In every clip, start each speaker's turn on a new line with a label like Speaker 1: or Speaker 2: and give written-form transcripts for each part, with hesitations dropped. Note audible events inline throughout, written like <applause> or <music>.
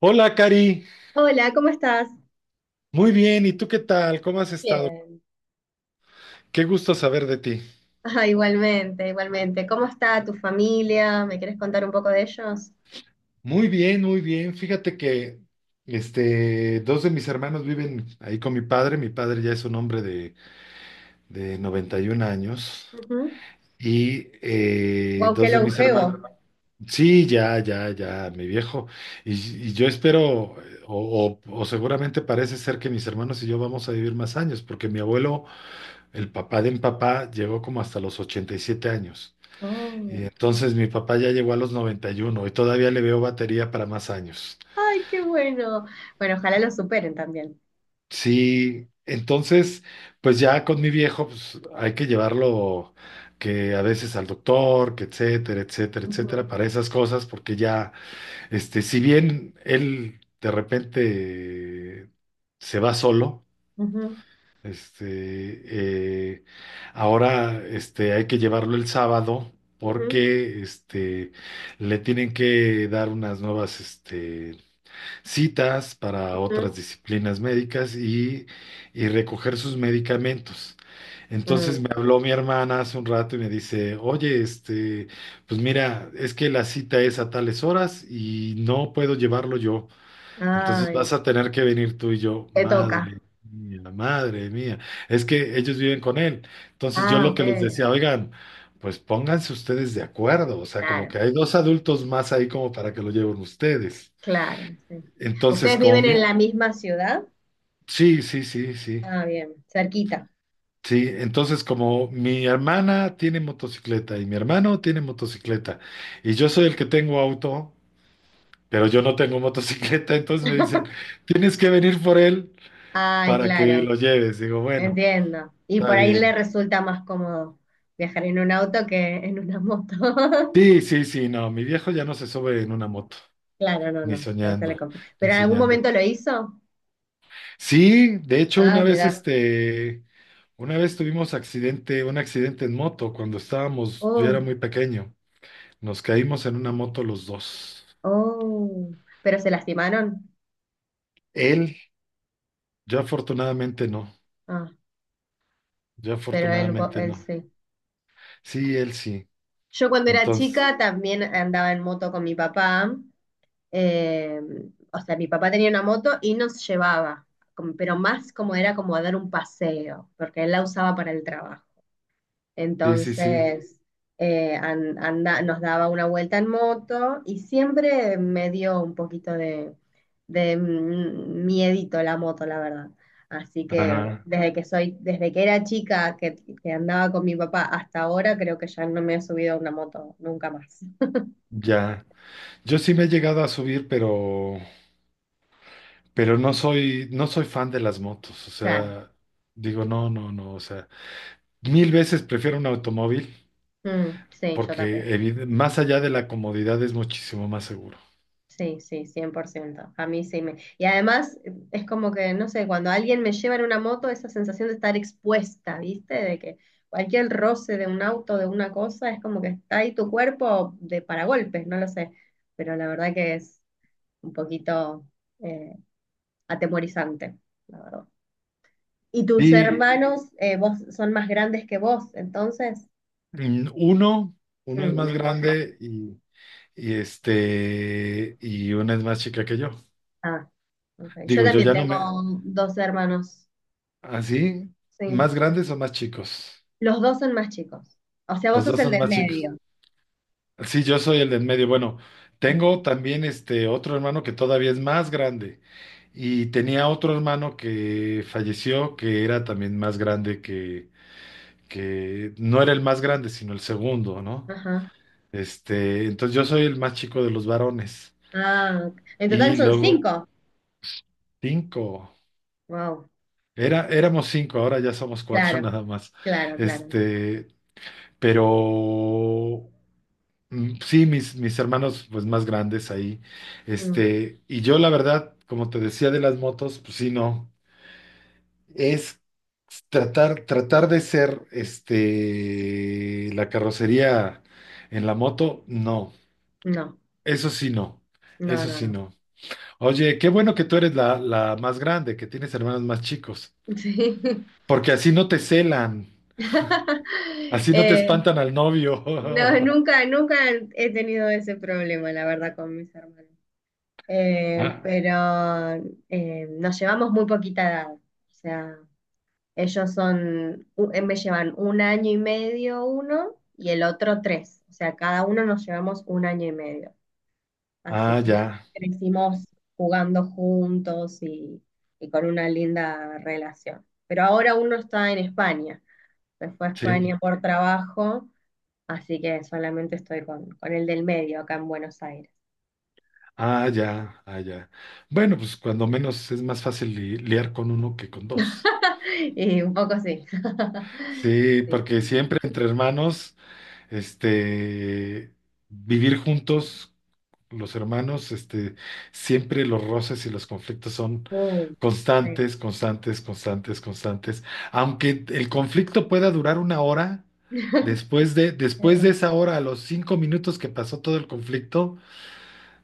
Speaker 1: Hola, Cari.
Speaker 2: Hola, ¿cómo estás?
Speaker 1: Muy bien, ¿y tú qué tal? ¿Cómo has estado?
Speaker 2: Bien.
Speaker 1: Qué gusto saber de ti.
Speaker 2: Ah, igualmente, igualmente. ¿Cómo está tu familia? ¿Me quieres contar un poco de ellos?
Speaker 1: Muy bien, muy bien. Fíjate que dos de mis hermanos viven ahí con mi padre. Mi padre ya es un hombre de 91 años.
Speaker 2: Ujú.
Speaker 1: Y
Speaker 2: Guau, qué
Speaker 1: dos de mis
Speaker 2: longevo.
Speaker 1: hermanos. Sí, ya, ya, ya, mi viejo. Y, y yo espero, o seguramente parece ser que mis hermanos y yo vamos a vivir más años, porque mi abuelo, el papá de mi papá, llegó como hasta los 87 años.
Speaker 2: Oh.
Speaker 1: Y entonces mi papá ya llegó a los 91 y uno y todavía le veo batería para más años.
Speaker 2: Ay, qué bueno. Bueno, ojalá lo superen también.
Speaker 1: Sí, entonces, pues ya con mi viejo, pues hay que llevarlo que a veces al doctor, que etcétera, etcétera, etcétera,
Speaker 2: Ujú,
Speaker 1: para esas cosas, porque ya, si bien él de repente se va solo,
Speaker 2: ujú,
Speaker 1: este, eh, ahora, hay que llevarlo el sábado
Speaker 2: ujú,
Speaker 1: porque, le tienen que dar unas nuevas, citas para otras
Speaker 2: ujú.
Speaker 1: disciplinas médicas y recoger sus medicamentos. Entonces
Speaker 2: Mm.
Speaker 1: me habló mi hermana hace un rato y me dice, oye, pues mira, es que la cita es a tales horas y no puedo llevarlo yo. Entonces
Speaker 2: Ay,
Speaker 1: vas a tener que venir tú y yo,
Speaker 2: te toca.
Speaker 1: madre mía, madre mía. Es que ellos viven con él. Entonces yo
Speaker 2: Ah,
Speaker 1: lo
Speaker 2: ok.
Speaker 1: que les decía, oigan, pues pónganse ustedes de acuerdo. O sea, como
Speaker 2: Claro,
Speaker 1: que hay dos adultos más ahí como para que lo lleven ustedes.
Speaker 2: claro, sí.
Speaker 1: Entonces,
Speaker 2: ¿Ustedes
Speaker 1: como
Speaker 2: viven
Speaker 1: mi...
Speaker 2: en la misma ciudad?
Speaker 1: Sí, sí, sí, sí.
Speaker 2: Ah, bien, cerquita.
Speaker 1: Sí, entonces como mi hermana tiene motocicleta y mi hermano tiene motocicleta y yo soy el que tengo auto, pero yo no tengo motocicleta, <laughs> entonces me dicen, tienes que venir por él
Speaker 2: Ay,
Speaker 1: para que
Speaker 2: claro.
Speaker 1: lo lleves. Digo, bueno,
Speaker 2: Entiendo. Y
Speaker 1: está
Speaker 2: por ahí le
Speaker 1: bien.
Speaker 2: resulta más cómodo viajar en un auto que en una moto. <laughs>
Speaker 1: Sí, sí, sí, no, mi viejo ya no se sube en una moto,
Speaker 2: Claro, no,
Speaker 1: ni
Speaker 2: no, no se le
Speaker 1: soñando,
Speaker 2: confía.
Speaker 1: ni
Speaker 2: ¿Pero en algún
Speaker 1: soñando.
Speaker 2: momento lo hizo?
Speaker 1: Sí, de hecho
Speaker 2: Ah,
Speaker 1: una vez
Speaker 2: mirá.
Speaker 1: una vez tuvimos accidente, un accidente en moto cuando estábamos, yo
Speaker 2: Oh,
Speaker 1: era muy pequeño. Nos caímos en una moto los dos.
Speaker 2: oh. ¿Pero se lastimaron?
Speaker 1: Él, yo afortunadamente no.
Speaker 2: Ah,
Speaker 1: Yo
Speaker 2: pero él,
Speaker 1: afortunadamente
Speaker 2: él
Speaker 1: no.
Speaker 2: sí.
Speaker 1: Sí, él sí.
Speaker 2: Yo cuando era
Speaker 1: Entonces,
Speaker 2: chica también andaba en moto con mi papá. eh, o sea, mi papá tenía una moto y nos llevaba, pero más como era como a dar un paseo, porque él la usaba para el trabajo.
Speaker 1: sí, sí, sí.
Speaker 2: Entonces, nos daba una vuelta en moto y siempre me dio un poquito de miedito la moto, la verdad. Así que
Speaker 1: Ajá,
Speaker 2: desde que era chica que andaba con mi papá hasta ahora, creo que ya no me he subido a una moto nunca más.
Speaker 1: ya. Yo sí me he llegado a subir, pero no soy, no soy fan de las motos. O
Speaker 2: Claro.
Speaker 1: sea, digo, no, no, no. O sea, mil veces prefiero un automóvil
Speaker 2: Mm, sí, yo también.
Speaker 1: porque evide- más allá de la comodidad es muchísimo más seguro.
Speaker 2: Sí, sí, 100%. A mí sí me... Y además es como que, no sé, cuando alguien me lleva en una moto, esa sensación de estar expuesta, ¿viste? De que cualquier roce de un auto, de una cosa, es como que está ahí tu cuerpo de paragolpes, no lo sé. Pero la verdad que es un poquito eh, atemorizante, la verdad. ¿Y tus Sí,
Speaker 1: Sí,
Speaker 2: hermanos, vos son más grandes que vos, entonces?
Speaker 1: mm, uno, uno es más
Speaker 2: Mm.
Speaker 1: grande y y una es más chica que yo.
Speaker 2: Ah, ok. Yo
Speaker 1: Digo, yo
Speaker 2: también
Speaker 1: ya no
Speaker 2: tengo
Speaker 1: me,
Speaker 2: dos hermanos,
Speaker 1: así,
Speaker 2: sí.
Speaker 1: más grandes o más chicos.
Speaker 2: Los dos son más chicos. O sea, vos
Speaker 1: Los
Speaker 2: sos
Speaker 1: dos
Speaker 2: el
Speaker 1: son
Speaker 2: del
Speaker 1: más chicos.
Speaker 2: medio.
Speaker 1: Sí, yo soy el del medio. Bueno,
Speaker 2: Mm.
Speaker 1: tengo también este otro hermano que todavía es más grande. Y tenía otro hermano que falleció, que era también más grande que no era el más grande, sino el segundo, ¿no?
Speaker 2: Ajá.
Speaker 1: Entonces yo soy el más chico de los varones.
Speaker 2: Ah, en total
Speaker 1: Y
Speaker 2: son
Speaker 1: luego,
Speaker 2: cinco.
Speaker 1: cinco.
Speaker 2: Wow.
Speaker 1: Era, éramos cinco, ahora ya somos cuatro <laughs>
Speaker 2: Claro,
Speaker 1: nada más.
Speaker 2: claro, claro.
Speaker 1: Este, pero sí, mis hermanos pues más grandes ahí.
Speaker 2: Mm,
Speaker 1: Y yo la verdad, como te decía de las motos, pues sí, no. Es tratar de ser la carrocería en la moto, no.
Speaker 2: no,
Speaker 1: Eso sí, no.
Speaker 2: no,
Speaker 1: Eso
Speaker 2: no,
Speaker 1: sí,
Speaker 2: no.
Speaker 1: no. Oye, qué bueno que tú eres la más grande, que tienes hermanos más chicos,
Speaker 2: <laughs> Sí. <laughs>
Speaker 1: porque así no te celan. Así no te
Speaker 2: Eh,
Speaker 1: espantan al novio.
Speaker 2: no,
Speaker 1: <laughs>
Speaker 2: nunca, nunca he tenido ese problema, la verdad, con mis hermanos. Eh,
Speaker 1: Ah,
Speaker 2: pero eh, nos llevamos muy poquita edad. O sea, ellos son, me llevan un año y medio uno y el otro tres. O sea, cada uno nos llevamos un año y medio. Así
Speaker 1: Ah,
Speaker 2: que
Speaker 1: ya,
Speaker 2: crecimos jugando juntos y con una linda relación. Pero ahora uno está en España. Se fue a
Speaker 1: sí.
Speaker 2: España por trabajo, así que solamente estoy con el del medio acá en Buenos Aires.
Speaker 1: Ah, ya, ah, ya. Bueno, pues cuando menos es más fácil li- liar con uno que con dos.
Speaker 2: <laughs> Y un poco sí. <laughs>
Speaker 1: Sí,
Speaker 2: Sí,
Speaker 1: porque
Speaker 2: sí.
Speaker 1: siempre entre hermanos. Este, vivir juntos, los hermanos, siempre los roces y los conflictos son
Speaker 2: Uh, sí.
Speaker 1: constantes, constantes, constantes, constantes. Aunque el conflicto pueda durar una hora,
Speaker 2: <laughs>
Speaker 1: después de esa hora, a los 5 minutos que pasó todo el conflicto,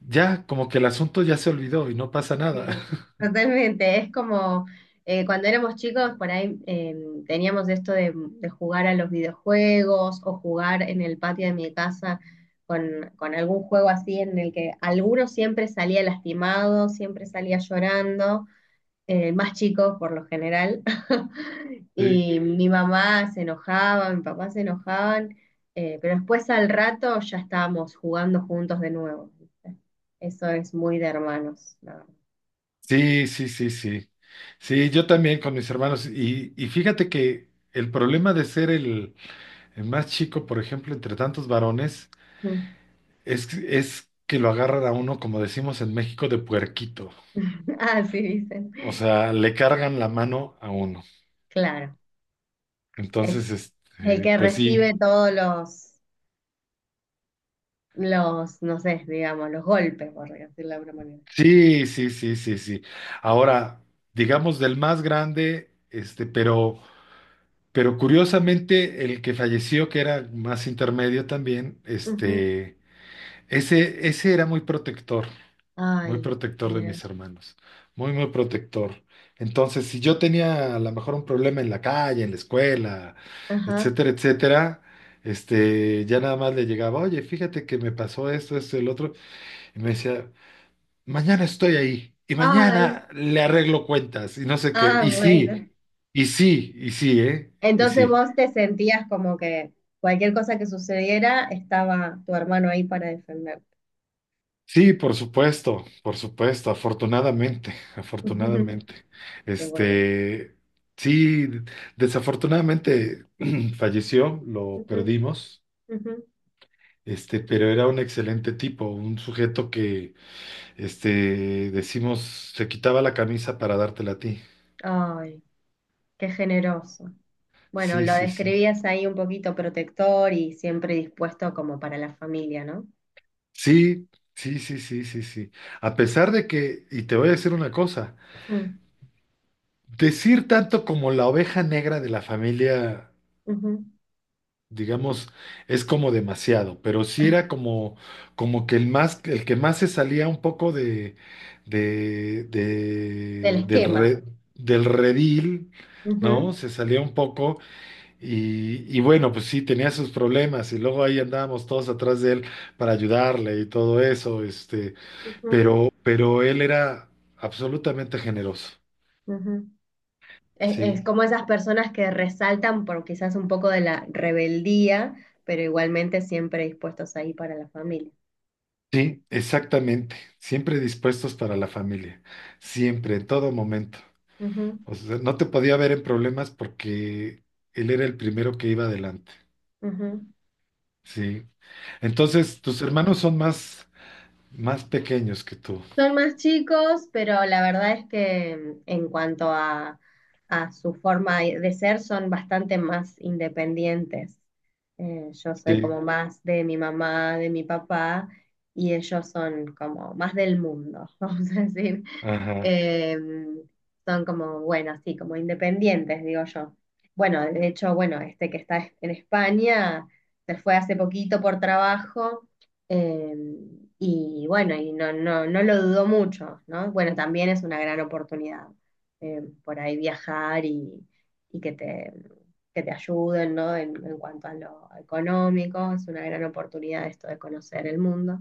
Speaker 1: ya como que el asunto ya se olvidó y no pasa nada.
Speaker 2: Sí, totalmente. Es como cuando éramos chicos, por ahí teníamos esto de jugar a los videojuegos o jugar en el patio de mi casa con algún juego así en el que alguno siempre salía lastimado, siempre salía llorando, más chicos por lo general. <laughs> Y
Speaker 1: <laughs>
Speaker 2: mi mamá se enojaba, mi papá se enojaban, pero después al rato ya estábamos jugando juntos de nuevo. ¿Viste? Eso es muy de hermanos, la verdad.
Speaker 1: Sí, sí, sí, sí. Sí, Sí, yo también con mis hermanos. Y fíjate que el problema de ser el más chico, por ejemplo, entre tantos varones,
Speaker 2: Mm.
Speaker 1: es que lo agarran a uno, como decimos en México, de puerquito.
Speaker 2: <laughs> Así dicen.
Speaker 1: O sea, le cargan la mano a uno.
Speaker 2: Claro, es
Speaker 1: Entonces,
Speaker 2: el que
Speaker 1: pues sí,
Speaker 2: recibe todos los, no sé, digamos, los golpes, por decirlo de alguna manera.
Speaker 1: sí, sí, sí, sí, sí. Ahora, digamos del más grande, pero curiosamente, el que falleció, que era más intermedio también,
Speaker 2: Ujú.
Speaker 1: ese era muy protector. Muy
Speaker 2: Ay,
Speaker 1: protector de
Speaker 2: mira.
Speaker 1: mis hermanos, muy protector. Entonces, si yo tenía a lo mejor un problema en la calle, en la escuela,
Speaker 2: Ajá.
Speaker 1: etcétera, etcétera, ya nada más le llegaba, oye, fíjate que me pasó esto, esto, el otro, y me decía, mañana estoy ahí, y
Speaker 2: Ay.
Speaker 1: mañana le arreglo cuentas, y no sé qué,
Speaker 2: Ah,
Speaker 1: y sí,
Speaker 2: bueno.
Speaker 1: y sí, y sí, ¿eh? Y
Speaker 2: Entonces
Speaker 1: sí.
Speaker 2: vos te sentías como que cualquier cosa que sucediera, estaba tu hermano ahí para defenderte.
Speaker 1: Sí, por supuesto, afortunadamente,
Speaker 2: Ujú.
Speaker 1: afortunadamente.
Speaker 2: Qué bueno.
Speaker 1: Este, sí, desafortunadamente <clears throat> falleció, lo
Speaker 2: Ujú,
Speaker 1: perdimos,
Speaker 2: ujú.
Speaker 1: pero era un excelente tipo, un sujeto que, decimos, se quitaba la camisa para dártela a ti.
Speaker 2: Ay, qué generoso. Bueno,
Speaker 1: Sí,
Speaker 2: lo
Speaker 1: sí, sí.
Speaker 2: describías ahí un poquito protector y siempre dispuesto como para la familia, ¿no?
Speaker 1: Sí, sí, sí, sí, sí, sí. A pesar de que, y te voy a decir una cosa,
Speaker 2: Mm,
Speaker 1: decir tanto como la oveja negra de la familia.
Speaker 2: ujú.
Speaker 1: Digamos, es como demasiado, pero sí era como, como que el más, el que más se salía un poco
Speaker 2: Del
Speaker 1: de- del
Speaker 2: esquema.
Speaker 1: re- del redil,
Speaker 2: Ujú,
Speaker 1: ¿no? Se salía un poco y bueno, pues sí, tenía sus problemas y luego ahí andábamos todos atrás de él para ayudarle y todo eso,
Speaker 2: ujú,
Speaker 1: pero él era absolutamente generoso,
Speaker 2: ujú. Es
Speaker 1: sí.
Speaker 2: como esas personas que resaltan por quizás un poco de la rebeldía, pero igualmente siempre dispuestos ahí para la familia.
Speaker 1: Sí, exactamente. Siempre dispuestos para la familia. Siempre, en todo momento.
Speaker 2: Ujú,
Speaker 1: O sea, no te podía ver en problemas porque él era el primero que iba adelante.
Speaker 2: ujú.
Speaker 1: Sí. Entonces, tus hermanos son más pequeños que tú.
Speaker 2: Son más chicos, pero la verdad es que en cuanto a su forma de ser, son bastante más independientes. Yo soy como
Speaker 1: Sí.
Speaker 2: más de mi mamá, de mi papá, y ellos son como más del mundo, <laughs> vamos a decir.
Speaker 1: Ajá.
Speaker 2: Eh, Son como, bueno, sí, como independientes, digo yo. Bueno, de hecho, bueno, este que está en España se fue hace poquito por trabajo eh, y bueno, y no, no, no lo dudó mucho, ¿no? Bueno, también es una gran oportunidad por ahí viajar y que te ayuden, ¿no? En cuanto a lo económico, es una gran oportunidad esto de conocer el mundo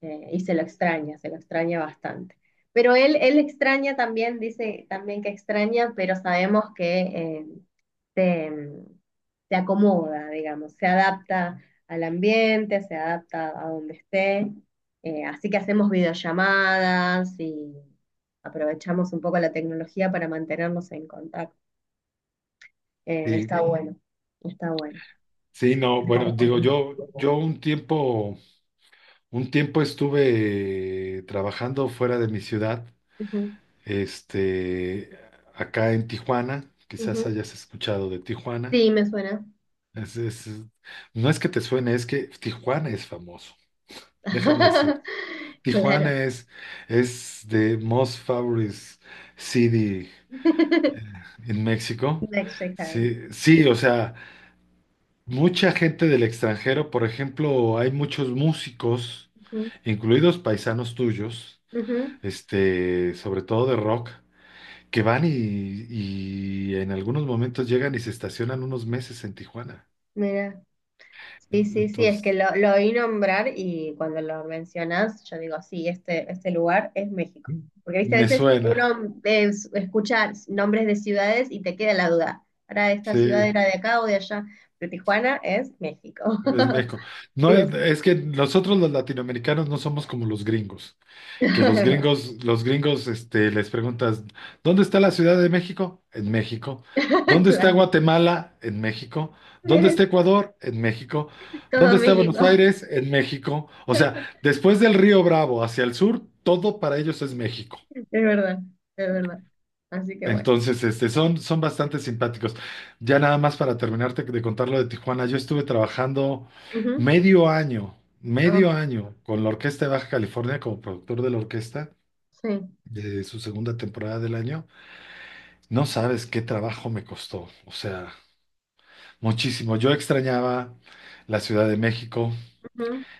Speaker 2: y se lo extraña bastante. Pero él extraña también, dice también que extraña, pero sabemos que se, se acomoda, digamos, se adapta al ambiente, se adapta a donde esté. Así que hacemos videollamadas y aprovechamos un poco la tecnología para mantenernos en contacto.
Speaker 1: Sí.
Speaker 2: Está bueno, está bueno.
Speaker 1: Sí, no, bueno, digo, yo un tiempo estuve trabajando fuera de mi ciudad,
Speaker 2: Ujú,
Speaker 1: este, acá en Tijuana. Quizás
Speaker 2: ujú.
Speaker 1: hayas escuchado de Tijuana.
Speaker 2: Sí, me suena.
Speaker 1: Es- es- no es que te suene, es que Tijuana es famoso. Déjame
Speaker 2: <laughs>
Speaker 1: Tijuana
Speaker 2: Claro.
Speaker 1: es the most favorite city
Speaker 2: <laughs>
Speaker 1: en México.
Speaker 2: Mexicano.
Speaker 1: Sí, sí, o sea, mucha gente del extranjero, por ejemplo, hay muchos músicos,
Speaker 2: Ujú,
Speaker 1: incluidos paisanos tuyos,
Speaker 2: ujú.
Speaker 1: sobre todo de rock, que van y en algunos momentos llegan y se estacionan unos meses en Tijuana.
Speaker 2: Mira, sí, sí, sí, es que
Speaker 1: Entonces,
Speaker 2: lo oí nombrar y cuando lo mencionas, yo digo, sí, este lugar es México. Porque, viste, a
Speaker 1: me
Speaker 2: veces
Speaker 1: suena,
Speaker 2: uno escucha nombres de ciudades y te queda la duda. ¿Para esta ciudad
Speaker 1: sí.
Speaker 2: era de acá o de allá? Pero Tijuana es México.
Speaker 1: Es
Speaker 2: <laughs>
Speaker 1: México. No
Speaker 2: Sí, o
Speaker 1: es,
Speaker 2: sí.
Speaker 1: es que nosotros los latinoamericanos no somos como los gringos, que
Speaker 2: <laughs>
Speaker 1: los gringos, les preguntas, ¿dónde está la Ciudad de México? En México. ¿Dónde está
Speaker 2: Claro.
Speaker 1: Guatemala? En México. ¿Dónde está
Speaker 2: <laughs>
Speaker 1: Ecuador? En México. ¿Dónde
Speaker 2: Todo
Speaker 1: está
Speaker 2: México.
Speaker 1: Buenos Aires? En México. O sea, después del Río Bravo hacia el sur, todo para ellos es México.
Speaker 2: Es verdad, es verdad. Así que bueno.
Speaker 1: Entonces, son, son bastante simpáticos. Ya nada más para terminarte de contar lo de Tijuana, yo estuve trabajando
Speaker 2: Ujú. Oh,
Speaker 1: medio año con la Orquesta de Baja California como productor de la orquesta
Speaker 2: sí.
Speaker 1: de su segunda temporada del año. No sabes qué trabajo me costó, o sea, muchísimo. Yo extrañaba la Ciudad de México,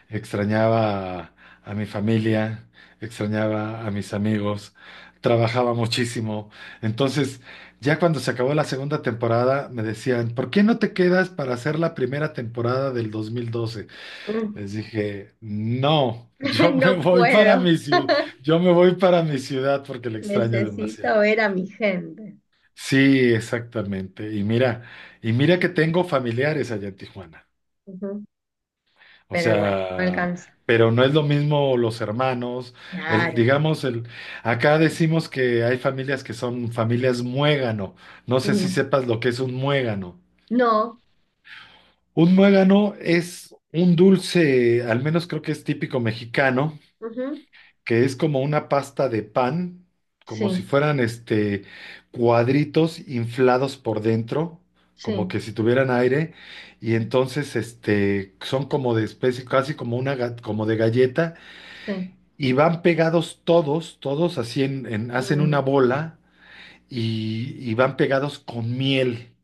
Speaker 1: extrañaba a mi familia, extrañaba a mis amigos, trabajaba muchísimo. Entonces, ya cuando se acabó la segunda temporada, me decían, ¿por qué no te quedas para hacer la primera temporada del 2012?
Speaker 2: Ujú.
Speaker 1: Les dije, no,
Speaker 2: <laughs>
Speaker 1: yo me
Speaker 2: No
Speaker 1: voy para
Speaker 2: puedo.
Speaker 1: mi ciudad,
Speaker 2: <laughs>
Speaker 1: yo me voy para mi ciudad porque la extraño demasiado.
Speaker 2: Necesito ver a mi gente.
Speaker 1: Sí, exactamente. Y mira
Speaker 2: Dices,
Speaker 1: que tengo familiares allá en Tijuana.
Speaker 2: ujú.
Speaker 1: O
Speaker 2: Pero igual, no
Speaker 1: sea,
Speaker 2: alcanza.
Speaker 1: pero no es lo mismo los hermanos, el,
Speaker 2: Claro.
Speaker 1: digamos, el, acá decimos que hay familias que son familias muégano. No sé si
Speaker 2: Ujú.
Speaker 1: sepas lo que es un muégano.
Speaker 2: No.
Speaker 1: Un muégano es un dulce, al menos creo que es típico mexicano,
Speaker 2: Ujú,
Speaker 1: que es como una pasta de pan,
Speaker 2: sí,
Speaker 1: como si fueran cuadritos inflados por dentro, como
Speaker 2: sí,
Speaker 1: que si tuvieran aire, y
Speaker 2: sí,
Speaker 1: entonces son como de especie, casi como una ga- como de galleta
Speaker 2: sí.
Speaker 1: y van pegados todos, todos así en- hacen una bola y van pegados con miel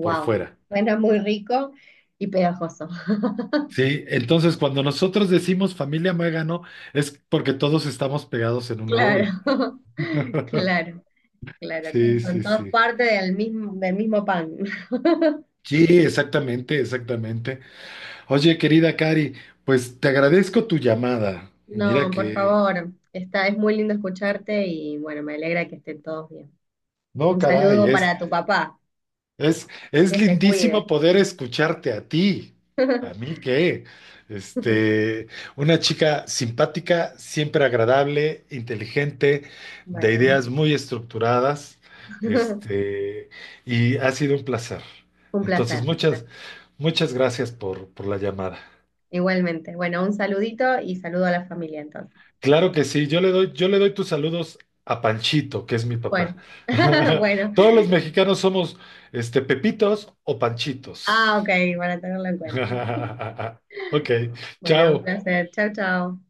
Speaker 1: por fuera.
Speaker 2: Suena muy rico y pegajoso. <laughs>
Speaker 1: Sí, entonces cuando nosotros decimos familia Muégano es porque todos estamos pegados en una
Speaker 2: Claro,
Speaker 1: bola.
Speaker 2: <laughs> claro, claro, claro.
Speaker 1: Sí,
Speaker 2: Son
Speaker 1: sí,
Speaker 2: todos
Speaker 1: sí.
Speaker 2: parte del mismo pan. <laughs>
Speaker 1: Sí, exactamente, exactamente. Oye, querida Cari, pues te agradezco tu llamada. Mira
Speaker 2: No, por
Speaker 1: que,
Speaker 2: favor. Está, es muy lindo escucharte y bueno, me alegra que estén todos bien.
Speaker 1: no,
Speaker 2: Un
Speaker 1: caray,
Speaker 2: saludo
Speaker 1: es
Speaker 2: para tu papá.
Speaker 1: Es, es
Speaker 2: Que se cuide.
Speaker 1: lindísimo poder escucharte a ti. A mí
Speaker 2: <laughs>
Speaker 1: qué. Este, una chica simpática, siempre agradable, inteligente, de
Speaker 2: Bueno, muchas-
Speaker 1: ideas muy estructuradas.
Speaker 2: <laughs>
Speaker 1: Este, y ha sido un placer.
Speaker 2: un
Speaker 1: Entonces,
Speaker 2: placer, un placer.
Speaker 1: muchas gracias por la llamada.
Speaker 2: Igualmente. Bueno, un saludito y saludo a la familia entonces.
Speaker 1: Claro que sí, yo le doy tus saludos a Panchito, que es mi
Speaker 2: Bueno,
Speaker 1: papá.
Speaker 2: <laughs> bueno.
Speaker 1: <laughs> Todos los mexicanos somos Pepitos o Panchitos.
Speaker 2: Ah, ok, para tenerlo en cuenta.
Speaker 1: <laughs> Ok,
Speaker 2: Bueno, un
Speaker 1: chao.
Speaker 2: placer. Chao, chao.